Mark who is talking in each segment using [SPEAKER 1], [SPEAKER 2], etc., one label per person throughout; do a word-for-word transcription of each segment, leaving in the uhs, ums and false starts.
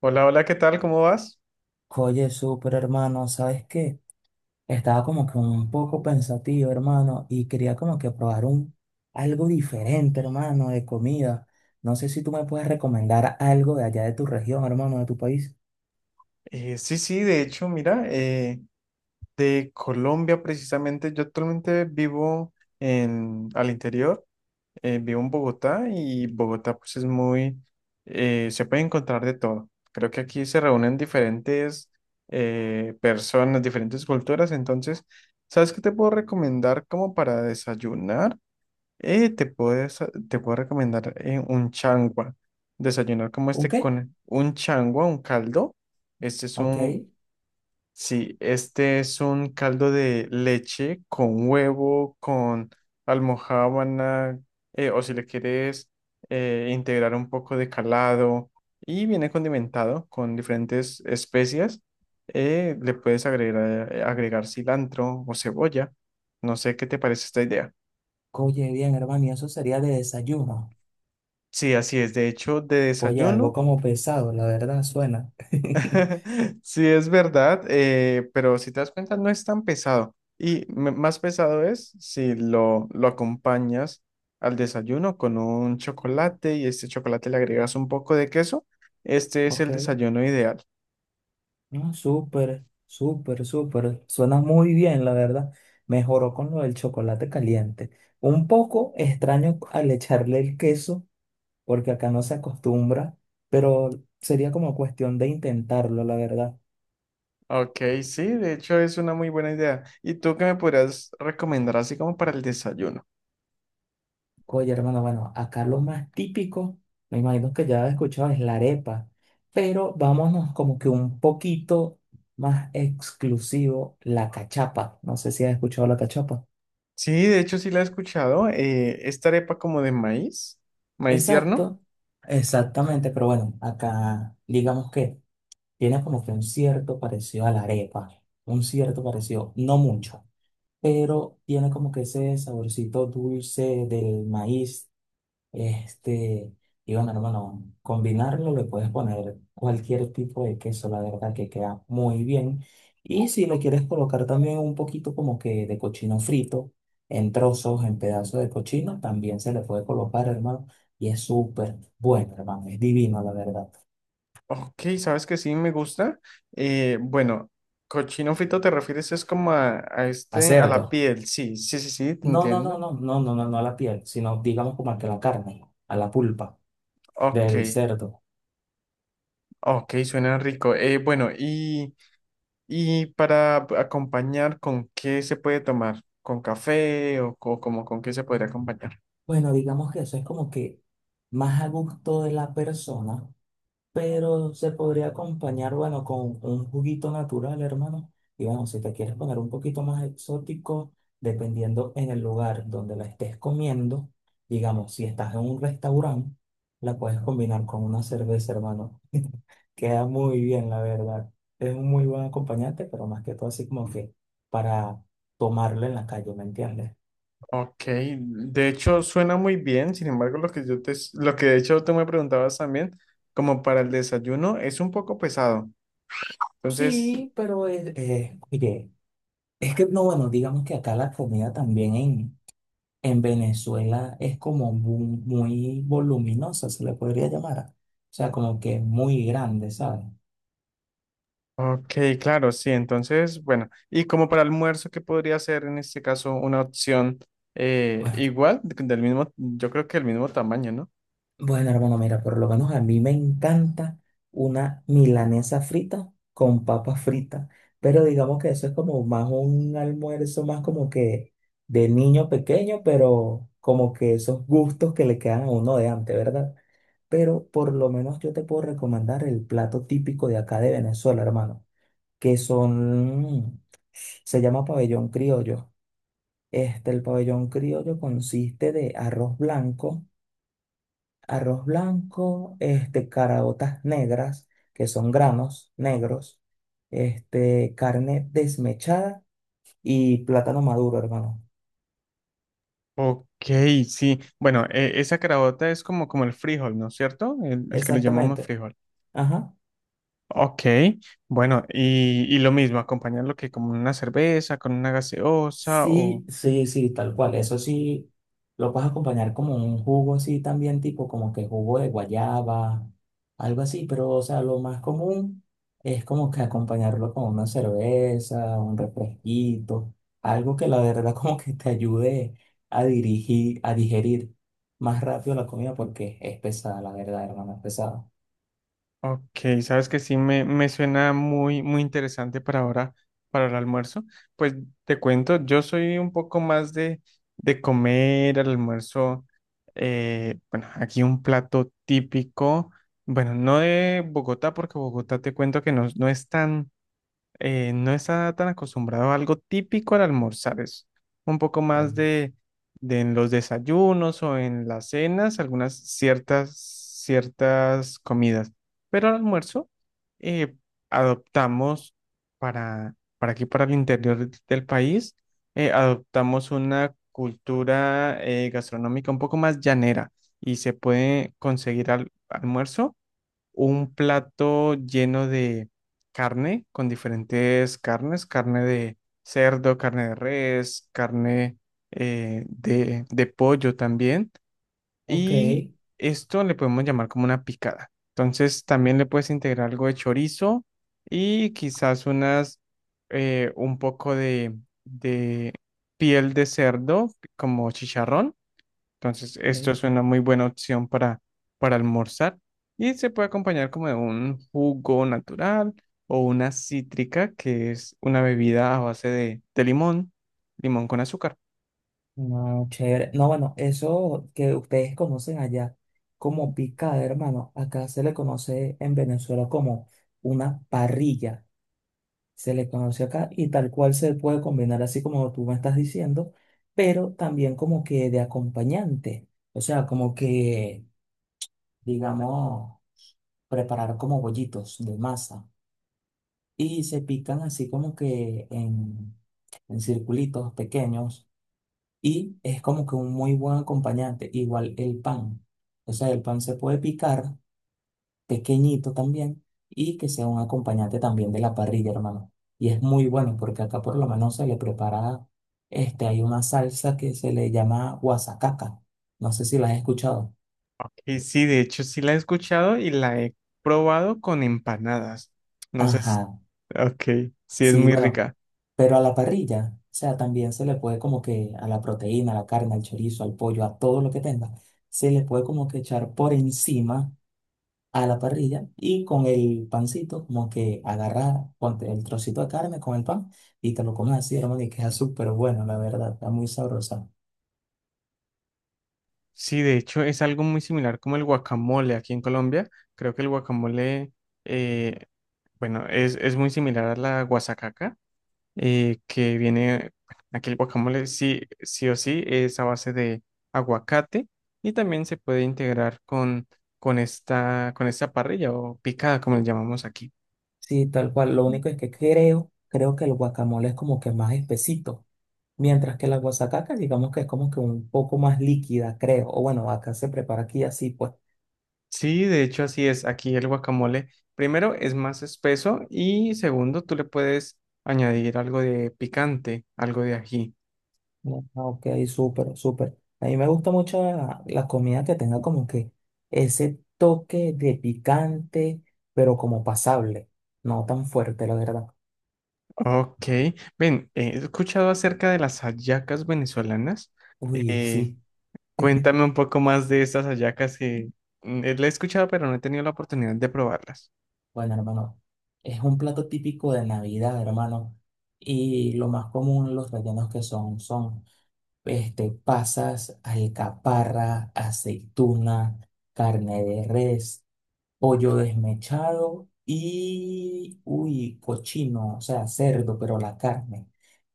[SPEAKER 1] Hola, hola, ¿qué tal? ¿Cómo vas?
[SPEAKER 2] Oye, súper hermano, ¿sabes qué? Estaba como que un poco pensativo, hermano, y quería como que probar un algo diferente, hermano, de comida. No sé si tú me puedes recomendar algo de allá de tu región, hermano, de tu país.
[SPEAKER 1] Eh, sí, sí, de hecho, mira, eh, de Colombia precisamente, yo actualmente vivo en, al interior, eh, vivo en Bogotá, y Bogotá pues es muy, eh, se puede encontrar de todo. Creo que aquí se reúnen diferentes eh, personas, diferentes culturas, entonces, ¿sabes qué te puedo recomendar como para desayunar? Eh, te puedes, te puedo recomendar eh, un changua. Desayunar como
[SPEAKER 2] ¿Un
[SPEAKER 1] este
[SPEAKER 2] qué?
[SPEAKER 1] con un changua, un caldo. Este es
[SPEAKER 2] Ok.
[SPEAKER 1] un, sí, este es un caldo de leche con huevo, con almojábana, eh, o si le quieres eh, integrar un poco de calado. Y viene condimentado con diferentes especias. Eh, le puedes agregar, eh, agregar cilantro o cebolla. No sé qué te parece esta idea.
[SPEAKER 2] Oye, bien, hermano, y eso sería de desayuno.
[SPEAKER 1] Sí, así es. De hecho, de
[SPEAKER 2] Oye, algo
[SPEAKER 1] desayuno,
[SPEAKER 2] como pesado, la verdad, suena.
[SPEAKER 1] sí es verdad, eh, pero si te das cuenta, no es tan pesado. Y me- más pesado es si lo, lo acompañas al desayuno con un chocolate, y este chocolate le agregas un poco de queso. Este es
[SPEAKER 2] Ok.
[SPEAKER 1] el desayuno ideal.
[SPEAKER 2] No, súper, súper, súper. Suena muy bien, la verdad. Mejoró con lo del chocolate caliente. Un poco extraño al echarle el queso, porque acá no se acostumbra, pero sería como cuestión de intentarlo, la verdad.
[SPEAKER 1] Ok, sí, de hecho es una muy buena idea. ¿Y tú qué me podrías recomendar así como para el desayuno?
[SPEAKER 2] Oye, hermano, bueno, acá lo más típico, me imagino que ya has escuchado, es la arepa, pero vámonos como que un poquito más exclusivo, la cachapa. No sé si has escuchado la cachapa.
[SPEAKER 1] Sí, de hecho sí la he escuchado. Eh, esta arepa como de maíz, maíz tierno.
[SPEAKER 2] Exacto, exactamente, pero bueno, acá digamos que tiene como que un cierto parecido a la arepa, un cierto parecido, no mucho, pero tiene como que ese saborcito dulce del maíz este, y bueno, hermano, combinarlo le puedes poner cualquier tipo de queso, la verdad que queda muy bien. Y si le quieres colocar también un poquito como que de cochino frito, en trozos, en pedazos de cochino, también se le puede colocar, hermano. Y es súper bueno, hermano, es divino, la verdad.
[SPEAKER 1] Ok, sabes que sí me gusta. Eh, bueno, cochino frito te refieres es como a, a
[SPEAKER 2] A
[SPEAKER 1] este, a
[SPEAKER 2] cerdo.
[SPEAKER 1] la piel. Sí, sí, sí, sí, te
[SPEAKER 2] No, no, no,
[SPEAKER 1] entiendo.
[SPEAKER 2] no, no, no, no, no a la piel, sino digamos como a que a la carne, a la pulpa
[SPEAKER 1] Ok,
[SPEAKER 2] del cerdo.
[SPEAKER 1] ok, suena rico. Eh, bueno, y, y para ap- acompañar, ¿con qué se puede tomar? ¿Con café o, co- como con qué se podría acompañar?
[SPEAKER 2] Bueno, digamos que eso es como que más a gusto de la persona, pero se podría acompañar, bueno, con un juguito natural, hermano. Y bueno, si te quieres poner un poquito más exótico, dependiendo en el lugar donde la estés comiendo, digamos, si estás en un restaurante, la puedes combinar con una cerveza, hermano. Queda muy bien, la verdad. Es un muy buen acompañante, pero más que todo así como que para tomarlo en la calle, ¿me entiendes?
[SPEAKER 1] Ok, de hecho suena muy bien. Sin embargo, lo que yo te, s- lo que de hecho tú me preguntabas también, como para el desayuno, es un poco pesado. Entonces,
[SPEAKER 2] Sí, pero es, eh, oye, es que no, bueno, digamos que acá la comida también en, en Venezuela es como mu- muy voluminosa, se le podría llamar. O sea, como que es muy grande, ¿sabes?
[SPEAKER 1] ok, claro, sí. Entonces, bueno, y como para almuerzo, ¿qué podría ser en este caso una opción eh,
[SPEAKER 2] Bueno,
[SPEAKER 1] igual, de- del mismo, yo creo que del mismo tamaño, ¿no?
[SPEAKER 2] bueno, hermano, mira, por lo menos a mí me encanta una milanesa frita con papas fritas, pero digamos que eso es como más un almuerzo, más como que de niño pequeño, pero como que esos gustos que le quedan a uno de antes, ¿verdad? Pero por lo menos yo te puedo recomendar el plato típico de acá de Venezuela, hermano, que son. Se llama pabellón criollo. Este, el pabellón criollo consiste de arroz blanco, arroz blanco, este, caraotas negras, que son granos negros, este, carne desmechada y plátano maduro, hermano.
[SPEAKER 1] Ok, sí. Bueno, eh, esa carabota es como, como el frijol, ¿no es cierto? El, el que le llamamos
[SPEAKER 2] Exactamente.
[SPEAKER 1] frijol.
[SPEAKER 2] Ajá.
[SPEAKER 1] Ok, bueno, y, y lo mismo, acompañarlo que como una cerveza, con una gaseosa.
[SPEAKER 2] Sí, sí, sí, tal cual. Eso sí, lo puedes acompañar como un jugo así también, tipo como que jugo de guayaba, algo así, pero o sea, lo más común es como que acompañarlo con una cerveza, un refresquito, algo que la verdad como que te ayude a dirigir, a digerir más rápido la comida porque es pesada, la verdad, hermano, es pesada.
[SPEAKER 1] Ok, sabes que sí me, me suena muy, muy interesante para ahora, para el almuerzo. Pues te cuento, yo soy un poco más de, de comer al almuerzo. Eh, bueno, aquí un plato típico, bueno, no de Bogotá, porque Bogotá te cuento que no, no es tan eh, no está tan acostumbrado a algo típico al almorzar, es un poco más de, de en los desayunos o en las cenas, algunas ciertas, ciertas comidas. Pero al almuerzo eh, adoptamos para, para aquí, para el interior del país, eh, adoptamos una cultura eh, gastronómica un poco más llanera, y se puede conseguir al, almuerzo un plato lleno de carne, con diferentes carnes, carne de cerdo, carne de res, carne eh, de, de pollo también.
[SPEAKER 2] Ok,
[SPEAKER 1] Y esto le podemos llamar como una picada. Entonces también le puedes integrar algo de chorizo y quizás unas, eh, un poco de, de piel de cerdo como chicharrón, entonces, esto
[SPEAKER 2] ok.
[SPEAKER 1] es una muy buena opción para, para almorzar, y se puede acompañar como de un jugo natural o una cítrica, que es una bebida a base de, de limón, limón con azúcar.
[SPEAKER 2] No, chévere. No, bueno, eso que ustedes conocen allá como picada, hermano, acá se le conoce en Venezuela como una parrilla. Se le conoce acá y tal cual se puede combinar así como tú me estás diciendo, pero también como que de acompañante. O sea, como que, digamos, preparar como bollitos de masa y se pican así como que en, en circulitos pequeños y es como que un muy buen acompañante. Igual el pan. O sea, el pan se puede picar pequeñito también y que sea un acompañante también de la parrilla, hermano. Y es muy bueno porque acá por lo menos se le prepara, este, hay una salsa que se le llama guasacaca. No sé si la has escuchado.
[SPEAKER 1] Y sí, de hecho, sí la he escuchado y la he probado con empanadas. No sé si-
[SPEAKER 2] Ajá,
[SPEAKER 1] ok, sí es
[SPEAKER 2] sí,
[SPEAKER 1] muy
[SPEAKER 2] bueno,
[SPEAKER 1] rica.
[SPEAKER 2] pero a la parrilla, o sea, también se le puede como que a la proteína, a la carne, al chorizo, al pollo, a todo lo que tenga, se le puede como que echar por encima a la parrilla y con el pancito, como que agarrar ponte el trocito de carne con el pan y te lo comes así, hermano, y queda súper bueno, la verdad, está muy sabrosa.
[SPEAKER 1] Sí, de hecho, es algo muy similar como el guacamole aquí en Colombia. Creo que el guacamole, eh, bueno, es, es muy similar a la guasacaca eh, que viene, aquí el guacamole sí, sí o sí es a base de aguacate, y también se puede integrar con, con esta, con esta parrilla o picada, como le llamamos aquí.
[SPEAKER 2] Sí, tal cual, lo único es que creo, creo que el guacamole es como que más espesito, mientras que la guasacaca, digamos que es como que un poco más líquida, creo, o bueno, acá se prepara aquí así, pues.
[SPEAKER 1] Sí, de hecho así es, aquí el guacamole primero es más espeso y segundo tú le puedes añadir algo de picante, algo de ají.
[SPEAKER 2] No, ok, súper, súper. A mí me gusta mucho la, la comida que tenga como que ese toque de picante, pero como pasable, no tan fuerte, la verdad.
[SPEAKER 1] Ok, ven, eh, he escuchado acerca de las hallacas venezolanas.
[SPEAKER 2] Uy,
[SPEAKER 1] eh,
[SPEAKER 2] sí.
[SPEAKER 1] Cuéntame un poco más de estas hallacas que mm, eh, la he escuchado, pero no he tenido la oportunidad de probarlas.
[SPEAKER 2] Bueno, hermano, es un plato típico de Navidad, hermano. Y lo más común, los rellenos que son, son este, pasas, alcaparra, aceituna, carne de res, pollo desmechado y, uy, cochino, o sea, cerdo, pero la carne.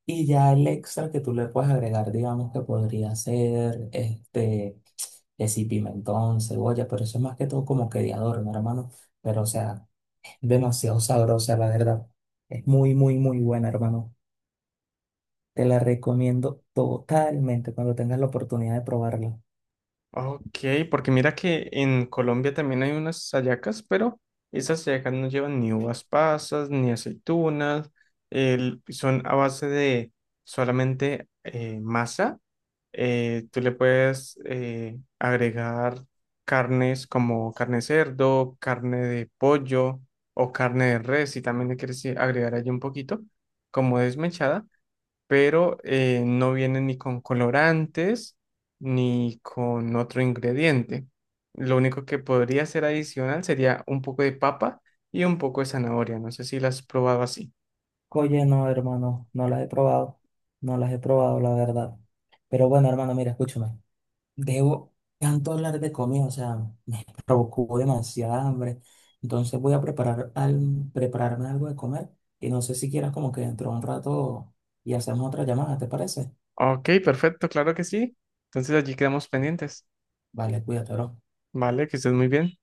[SPEAKER 2] Y ya el extra que tú le puedes agregar, digamos que podría ser, este, que si pimentón, cebolla, pero eso es más que todo como que de adorno, hermano. Pero, o sea, es demasiado sabrosa, la verdad. Es muy, muy, muy buena, hermano. Te la recomiendo totalmente cuando tengas la oportunidad de probarla.
[SPEAKER 1] Ok, porque mira que en Colombia también hay unas hallacas, pero esas hallacas no llevan ni uvas pasas, ni aceitunas, el- son a base de solamente eh, masa. Eh, tú le puedes eh, agregar carnes como carne de cerdo, carne de pollo o carne de res, si también le quieres eh, agregar allí un poquito, como desmechada, pero eh, no viene ni con colorantes ni con otro ingrediente. Lo único que podría ser adicional sería un poco de papa y un poco de zanahoria. No sé si las has probado así.
[SPEAKER 2] Oye, no, hermano, no las he probado. No las he probado, la verdad. Pero bueno, hermano, mira, escúchame. Debo tanto hablar de comida, o sea, me provocó demasiada hambre. Entonces voy a preparar al, prepararme algo de comer y no sé si quieras como que dentro de un rato y hacemos otra llamada, ¿te parece?
[SPEAKER 1] Ok, perfecto, claro que sí. Entonces allí quedamos pendientes.
[SPEAKER 2] Vale, cuídate, bro.
[SPEAKER 1] Vale, que estés muy bien.